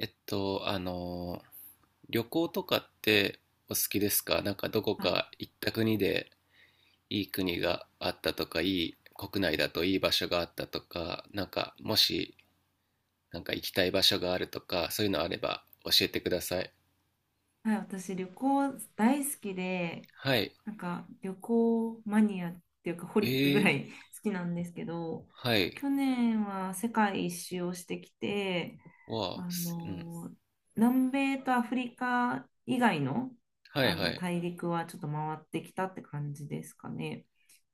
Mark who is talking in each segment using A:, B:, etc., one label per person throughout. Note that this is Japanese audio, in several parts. A: えっと、あの、旅行とかってお好きですか？なんかどこ
B: あ、
A: か行った国でいい国があったとか、いい国内だといい場所があったとか、なんかもしなんか行きたい場所があるとか、そういうのあれば教えてください。
B: はい、私旅行大好きで、
A: はい。
B: なんか旅行マニアっていうかホ
A: え
B: リックぐら
A: ー、
B: い 好きなんですけど、
A: はい。
B: 去年は世界一周をしてきて、
A: わあ、
B: あ
A: すうん。
B: の、南米とアフリカ以外の、
A: はい
B: あ
A: は
B: の
A: い。
B: 大陸はちょっと回ってきたって感じですかね。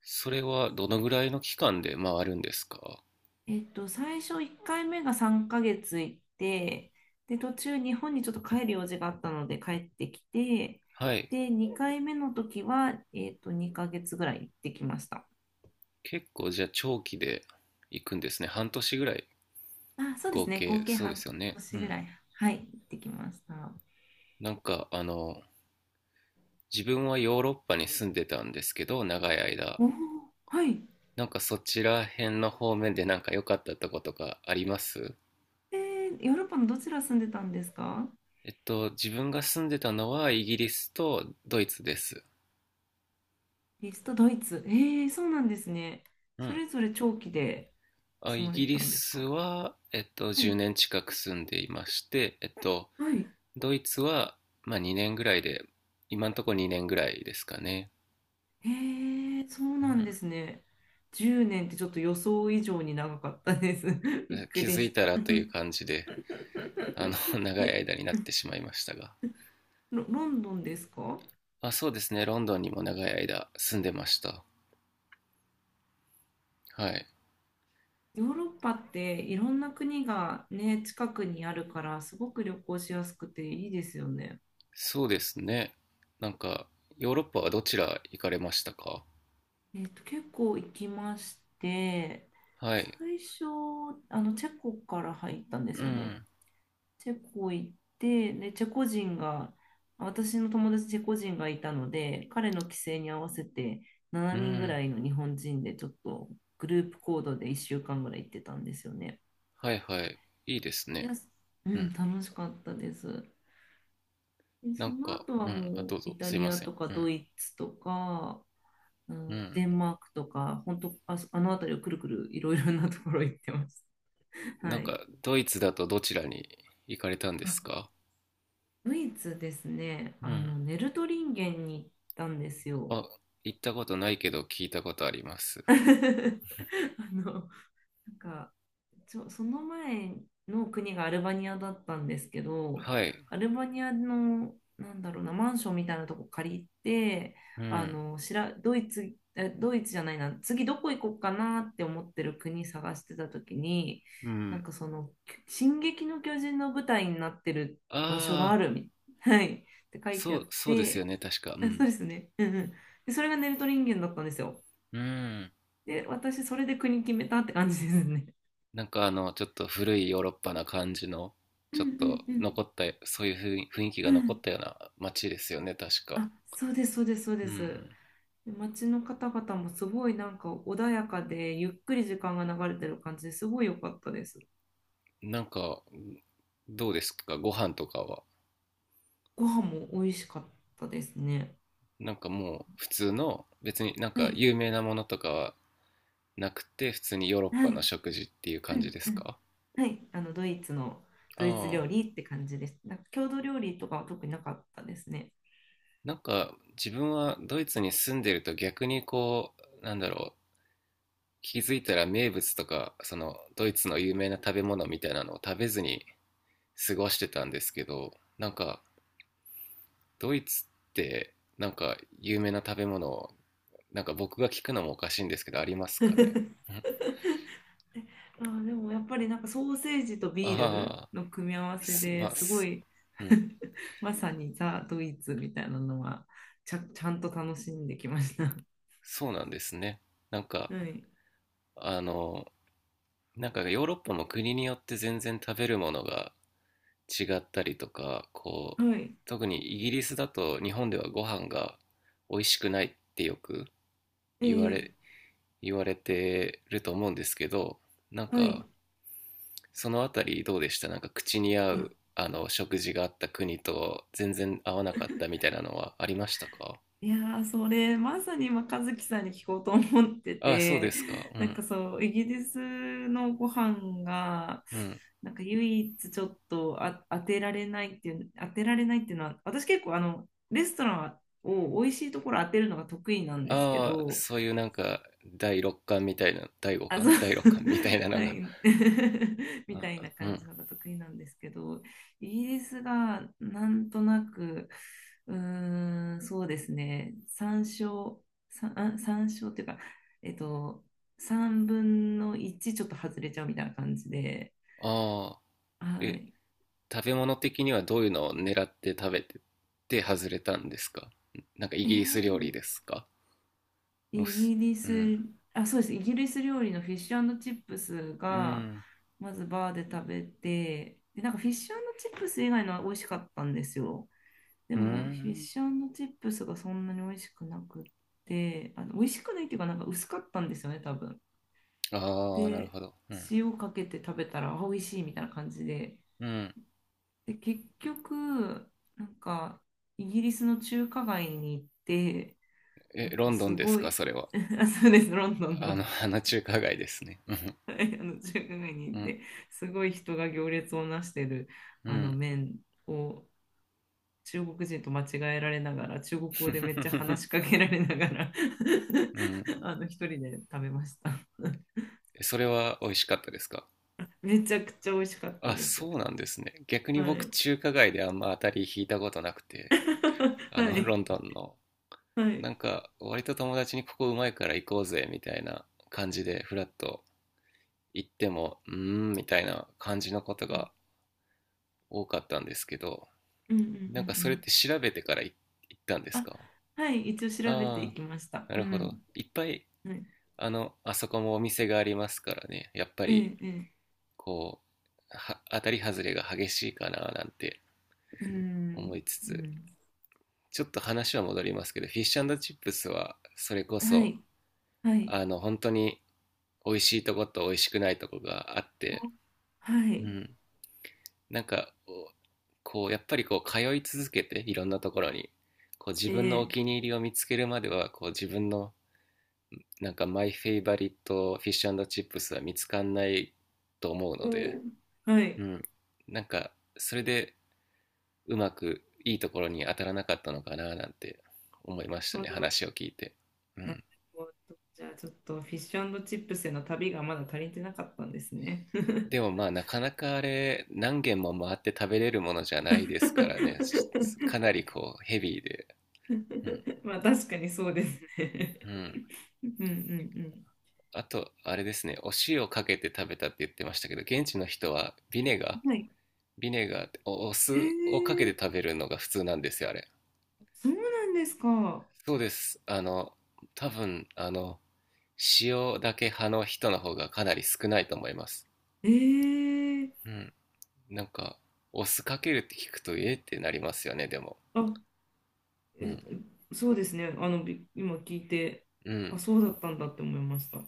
A: それはどのぐらいの期間で回るんですか？
B: 最初1回目が3ヶ月行って、で、途中日本にちょっと帰る用事があったので帰ってきて、
A: はい。
B: で、2回目の時は、2ヶ月ぐらい行ってきました。
A: 結構じゃあ長期で行くんですね。半年ぐらい
B: あ、そうで
A: 合
B: すね。合
A: 計、
B: 計
A: そうで
B: 半
A: すよね。
B: 年
A: う
B: ぐら
A: ん。
B: い、はい、行ってきました。
A: なんか自分はヨーロッパに住んでたんですけど長い間、
B: おおはい。
A: なんかそちら辺の方面でなんか良かったとことかあります？
B: ヨーロッパのどちら住んでたんですか？
A: 自分が住んでたのはイギリスとドイツです。
B: リスト、ドイツ。えー、そうなんですね。
A: う
B: そ
A: ん。
B: れぞれ長期で
A: あ、
B: 住
A: イ
B: まれ
A: ギ
B: てた
A: リ
B: んです
A: ス
B: か？
A: は
B: は
A: 10
B: い、
A: 年近く住んでいまして、えっと
B: はい。
A: ドイツはまあ2年ぐらいで、今んとこ2年ぐらいですかね。
B: へえ、そう
A: う
B: なんで
A: ん。
B: すね。10年ってちょっと予想以上に長かったです。びっく
A: 気
B: り
A: づ
B: し
A: いた
B: た。
A: らという感じで、 長い
B: え、
A: 間になってしまいましたが。
B: ロンドンですか？
A: あ、そうですね。ロンドンにも長い間住んでました。はい。
B: ヨーロッパっていろんな国がね、近くにあるからすごく旅行しやすくていいですよね。
A: そうですね。なんか、ヨーロッパはどちら行かれましたか？
B: 結構行きまして、
A: はい。
B: 最初、チェコから入ったんです
A: う
B: よね。
A: ん。
B: チェコ行って、で、チェコ人が、私の友達チェコ人がいたので、彼の帰省に合わせて7
A: う
B: 人ぐ
A: ん。
B: らいの日本人でちょっとグループ行動で1週間ぐらい行ってたんですよね。
A: はいはい。いいです
B: い
A: ね。
B: や、う
A: う
B: ん、
A: ん。
B: 楽しかったです。で、
A: な
B: そ
A: ん
B: の
A: か、
B: 後は
A: うん。あ、
B: も
A: ど
B: う
A: うぞ。
B: イタ
A: すい
B: リ
A: ま
B: ア
A: せん。
B: とか
A: う
B: ド
A: ん。
B: イツとか、う
A: う
B: ん
A: ん。
B: デンマークとか、本当、あ、あの辺りをくるくるいろいろなところ行ってます。
A: な
B: は
A: ん
B: い。
A: か、ドイツだとどちらに行かれたんで
B: あ、
A: すか？
B: ドイツですね、
A: うん。
B: ネルトリンゲンに行ったんですよ。
A: あ、行ったことないけど聞いたことあります。
B: あの、なんか、その前の国がアルバニアだったんですけど、
A: はい。
B: アルバニアの、なんだろうな、マンションみたいなとこ借りて、
A: う
B: あ
A: ん。
B: の、しら、ドイツ、えドイツじゃないな、次どこ行こうかなって思ってる国探してた時に、
A: う
B: なん
A: ん。
B: かその、進撃の巨人の舞台になってる場所があ
A: ああ、
B: るみ、はい、って書いて
A: そ
B: あっ
A: う、そうですよ
B: て、
A: ね。確か。う
B: あそう
A: ん。
B: ですね、うんうん。で、それがネルトリンゲンだったんですよ。
A: うん。
B: で、私、それで国決めたって感じですね。
A: なんかちょっと古いヨーロッパな感じの、
B: うん
A: ちょっ
B: うん
A: と
B: うん
A: 残った、そういう雰囲気
B: う
A: が残っ
B: ん
A: たような街ですよね、確か。
B: あ、そうです、そうです、そう
A: う
B: です。
A: ん。
B: で街の方々もすごいなんか穏やかで、ゆっくり時間が流れてる感じですごい良かったです。
A: なんか、どうですか、ご飯とかは。
B: ご飯も美味しかったですね。
A: なんかもう普通の、別になん
B: は
A: か
B: い、
A: 有名なものとかはなくて、普通にヨーロッ
B: は
A: パの
B: い、
A: 食事っていう
B: う
A: 感じで
B: んう
A: す
B: ん、
A: か？
B: はい、
A: あ
B: ドイツ料
A: あ、
B: 理って感じです。なんか郷土料理とかは特になかったですね。
A: なんか自分はドイツに住んでると逆にこう、なんだろう、気づいたら名物とか、そのドイツの有名な食べ物みたいなのを食べずに過ごしてたんですけど、なんかドイツってなんか有名な食べ物、なんか僕が聞くのもおかしいんですけどありますかね？ん。
B: あー、でもやっぱりなんかソーセージとビール
A: ああ、
B: の組み合わせ
A: す
B: で
A: まあ
B: すご
A: す、
B: い
A: うん、
B: まさにザ・ドイツみたいなのはちゃんと楽しんできました。
A: そうなんですね。なん か
B: はい。
A: あのなんかヨーロッパも国によって全然食べるものが違ったりとかこう、
B: はい。
A: 特にイギリスだと日本ではご飯が美味しくないってよく言わ
B: え
A: れ
B: え
A: 言われてると思うんですけど、なん
B: は
A: か
B: い。
A: そのあたりどうでした、なんか口に合う食事があった国と全然合わなかったみたいなのはありましたか？
B: いやーそれまさに今和樹さんに聞こうと思って
A: ああ、そうで
B: て
A: すか。う
B: なん
A: ん。
B: かそうイギリスのご飯が
A: うん。
B: なんか唯一ちょっと当てられないっていう当てられないっていうのは私結構あのレストランを美味しいところ当てるのが得意なんですけ
A: ああ、
B: ど、
A: そういうなんか第六感みたいな、第五
B: あ、そ
A: 感
B: う、
A: 第六感みたいな の
B: は
A: が。
B: い、みたいな
A: あ、う
B: 感じ
A: ん。
B: のが得意なんですけど、イギリスがなんとなく、そうですね、参照っていうか、えっと、3分の1ちょっと外れちゃうみたいな感じで、
A: ああ、
B: は
A: え、
B: い。
A: 食べ物的にはどういうのを狙って食べてて外れたんですか？なんかイ
B: え
A: ギリス料理
B: ー
A: ですか？うっ
B: イ
A: す、
B: ギリ
A: う
B: ス、
A: ん。
B: あ、そうです、イギリス料理のフィッシュチップス
A: う
B: が、
A: ん。
B: まずバーで食べて、で、なんかフィッシュチップス以外のは美味しかったんですよ。で
A: う
B: も、フィッ
A: ん。
B: シュチップスがそんなに美味しくなくって、美味しくないっていうか、なんか薄かったんですよね、多分。
A: ああ、なる
B: で、
A: ほど。うん。
B: 塩かけて食べたら、あ美味しいみたいな感じで。
A: うん。
B: で、結局、なんか、イギリスの中華街に行って、な
A: え、
B: ん
A: ロ
B: か
A: ンドン
B: す
A: です
B: ご
A: か、
B: い、
A: それは。
B: あそうです、ロンドンの、
A: あの中華街ですね。うん。
B: はいあの中華街に
A: う
B: 行っ
A: ん。
B: て、すごい人が行列をなしてる
A: う
B: あの
A: ん。
B: 麺を中国人と間違えられながら、中国語でめっちゃ 話しかけられながら
A: うん。
B: 一人で食べました。
A: それは美味しかったですか？
B: めちゃくちゃ美味しかった
A: あ、
B: です。
A: そうなんですね。逆に
B: は
A: 僕、
B: い。
A: 中華街であんま当たり引いたことなくて、
B: は
A: ロ
B: い。
A: ンドンの、
B: はい。
A: なんか、割と友達にここうまいから行こうぜ、みたいな感じで、フラッと行っても、うーん、みたいな感じのこと
B: うん
A: が多かったんですけど、
B: うんうんう
A: なんかそれっ
B: ん
A: て調べてから行ったんです
B: あ、
A: か？
B: はい。一応調べて
A: あ
B: い
A: あ
B: きまし
A: ー、
B: た。
A: な
B: う
A: るほど。
B: ん。
A: いっぱい
B: はい。
A: あそこもお店がありますからね、やっぱ
B: え
A: り、
B: え、ええ。
A: こう、は当たり外れが激しいかななんて
B: う
A: 思
B: ん。
A: いつ
B: う
A: つ、
B: ん。
A: ちょっと話は戻りますけど、フィッシュチップスは、それこ
B: は
A: そ、
B: い。はい。
A: 本当に美味しいとこと美味しくないとこがあっ
B: あ
A: て、
B: は
A: う
B: い。
A: ん、なんか、こう、やっぱりこう、通い続けて、いろんなところに、こう、自
B: え
A: 分のお
B: え。
A: 気に入りを見つけるまでは、こう、自分の、なんか、マイフェイバリットフィッシュチップスは見つかんないと思うので、
B: おーはい。
A: うん。なんか、それでうまくいいところに当たらなかったのかななんて思いまし
B: あ
A: た
B: の
A: ね、話を聞いて。う
B: なる
A: ん。
B: ほど。じゃあちょっとフィッシュチップスへの旅がまだ足りてなかったんですね。
A: でもまあ、なかなかあれ、何軒も回って食べれるものじゃないですからね、かな りこう、ヘビーで。うん。
B: まあ確かにそうですね。
A: うん。
B: うんうん
A: あと、あれですね、お塩かけて食べたって言ってましたけど、現地の人はビネガ
B: う
A: ー、
B: ん。はい。
A: ビネガーってお
B: へ
A: 酢をかけ
B: え、
A: て食べるのが普通なんですよ、あれ。
B: そうなんですか？
A: そうです。多分、塩だけ派の人の方がかなり少ないと思います。
B: ええ、
A: うん。なんか、お酢かけるって聞くと、えってなりますよね、でも。
B: あ、
A: うん。
B: え、そうですね。今聞いて、
A: う
B: あ、
A: ん。
B: そうだったんだって思いました。は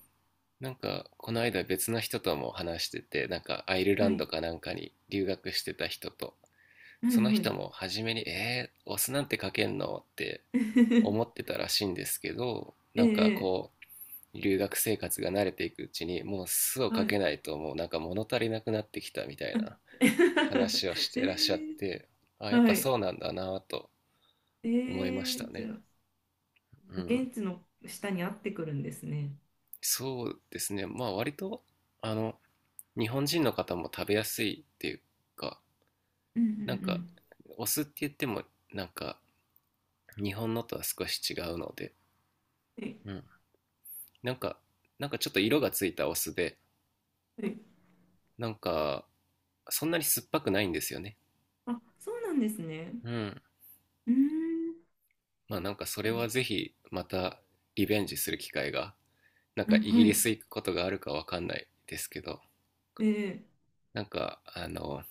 A: なんか、この間別の人とも話してて、なんか、アイルラン
B: い。
A: ドかなんかに留学してた人と、
B: はい
A: その
B: はい。
A: 人も初めに、お酢なんてかけんのって思って たらしいんですけど、
B: え
A: なんか
B: え、ええ
A: こう、留学生活が慣れていくうちに、もう酢を
B: は
A: か
B: い。
A: けないと、もうなんか物足りなくなってきたみたいな 話をしてらっしゃっ
B: ええ、
A: て、あ、やっ
B: は
A: ぱそ
B: い。
A: うなんだなと思いまし
B: え
A: た
B: え、じ
A: ね。
B: ゃあ。
A: うん、
B: 現地の下に合ってくるんですね。
A: そうですね、まあ割とあの日本人の方も食べやすいっていうか、
B: うんう
A: なんか
B: ん
A: お酢って言ってもなんか日本のとは少し違うので、
B: はい
A: うん、なんかちょっと色がついたお酢で、
B: はい。
A: なんかそんなに酸っぱくないんですよね。
B: あ、そうなんですね。
A: うん、
B: うん。
A: まあなんかそ
B: ー
A: れ
B: ん。
A: はぜひまたリベンジする機会が、なん
B: う
A: か
B: ん
A: イギ
B: は
A: リ
B: い。
A: ス行くことがあるかわかんないですけど、
B: ええ
A: なんか、あの、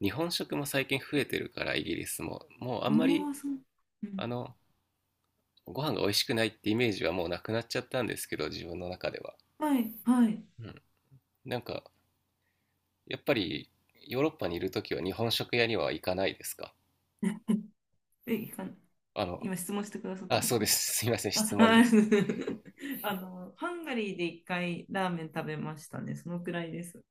A: 日本食も最近増えてるから、イギリスも。もうあ
B: ああ
A: んまり、
B: ー、そう。うん。
A: あの、ご飯が美味しくないってイメージはもうなくなっちゃったんですけど、自分の中では。
B: はい、はい。
A: うん。なんか、やっぱり、ヨーロッパにいるときは日本食屋には行かないですか？
B: え、いかん、
A: あの、
B: 今質問してくださった
A: あ、
B: んです
A: そう
B: か？
A: です。すいません、
B: あ、
A: 質問
B: は
A: です。
B: い ハンガリーで一回ラーメン食べましたね。そのくらいです。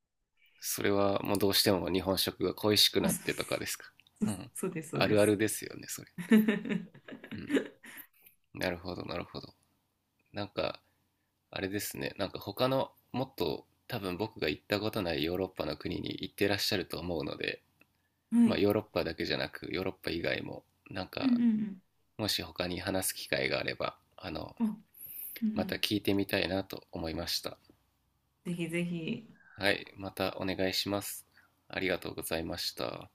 A: それはもうどうしても日本食が恋しく
B: あ、
A: なっ
B: そ
A: てとかですか？
B: う、
A: うん。
B: そうそうです、そう
A: あ
B: で
A: るあ
B: す。
A: るですよね、それ。うん。なるほど、なるほど。なんか、あれですね、なんか他のもっと多分僕が行ったことないヨーロッパの国に行ってらっしゃると思うので、
B: は
A: まあ
B: い。
A: ヨーロッパだけじゃなくヨーロッパ以外も、なん
B: うんう
A: か
B: ん
A: もし他に話す機会があれば、
B: うん。あ、うんう
A: また
B: ん。
A: 聞いてみたいなと思いました。
B: ぜひぜひ。
A: はい、またお願いします。ありがとうございました。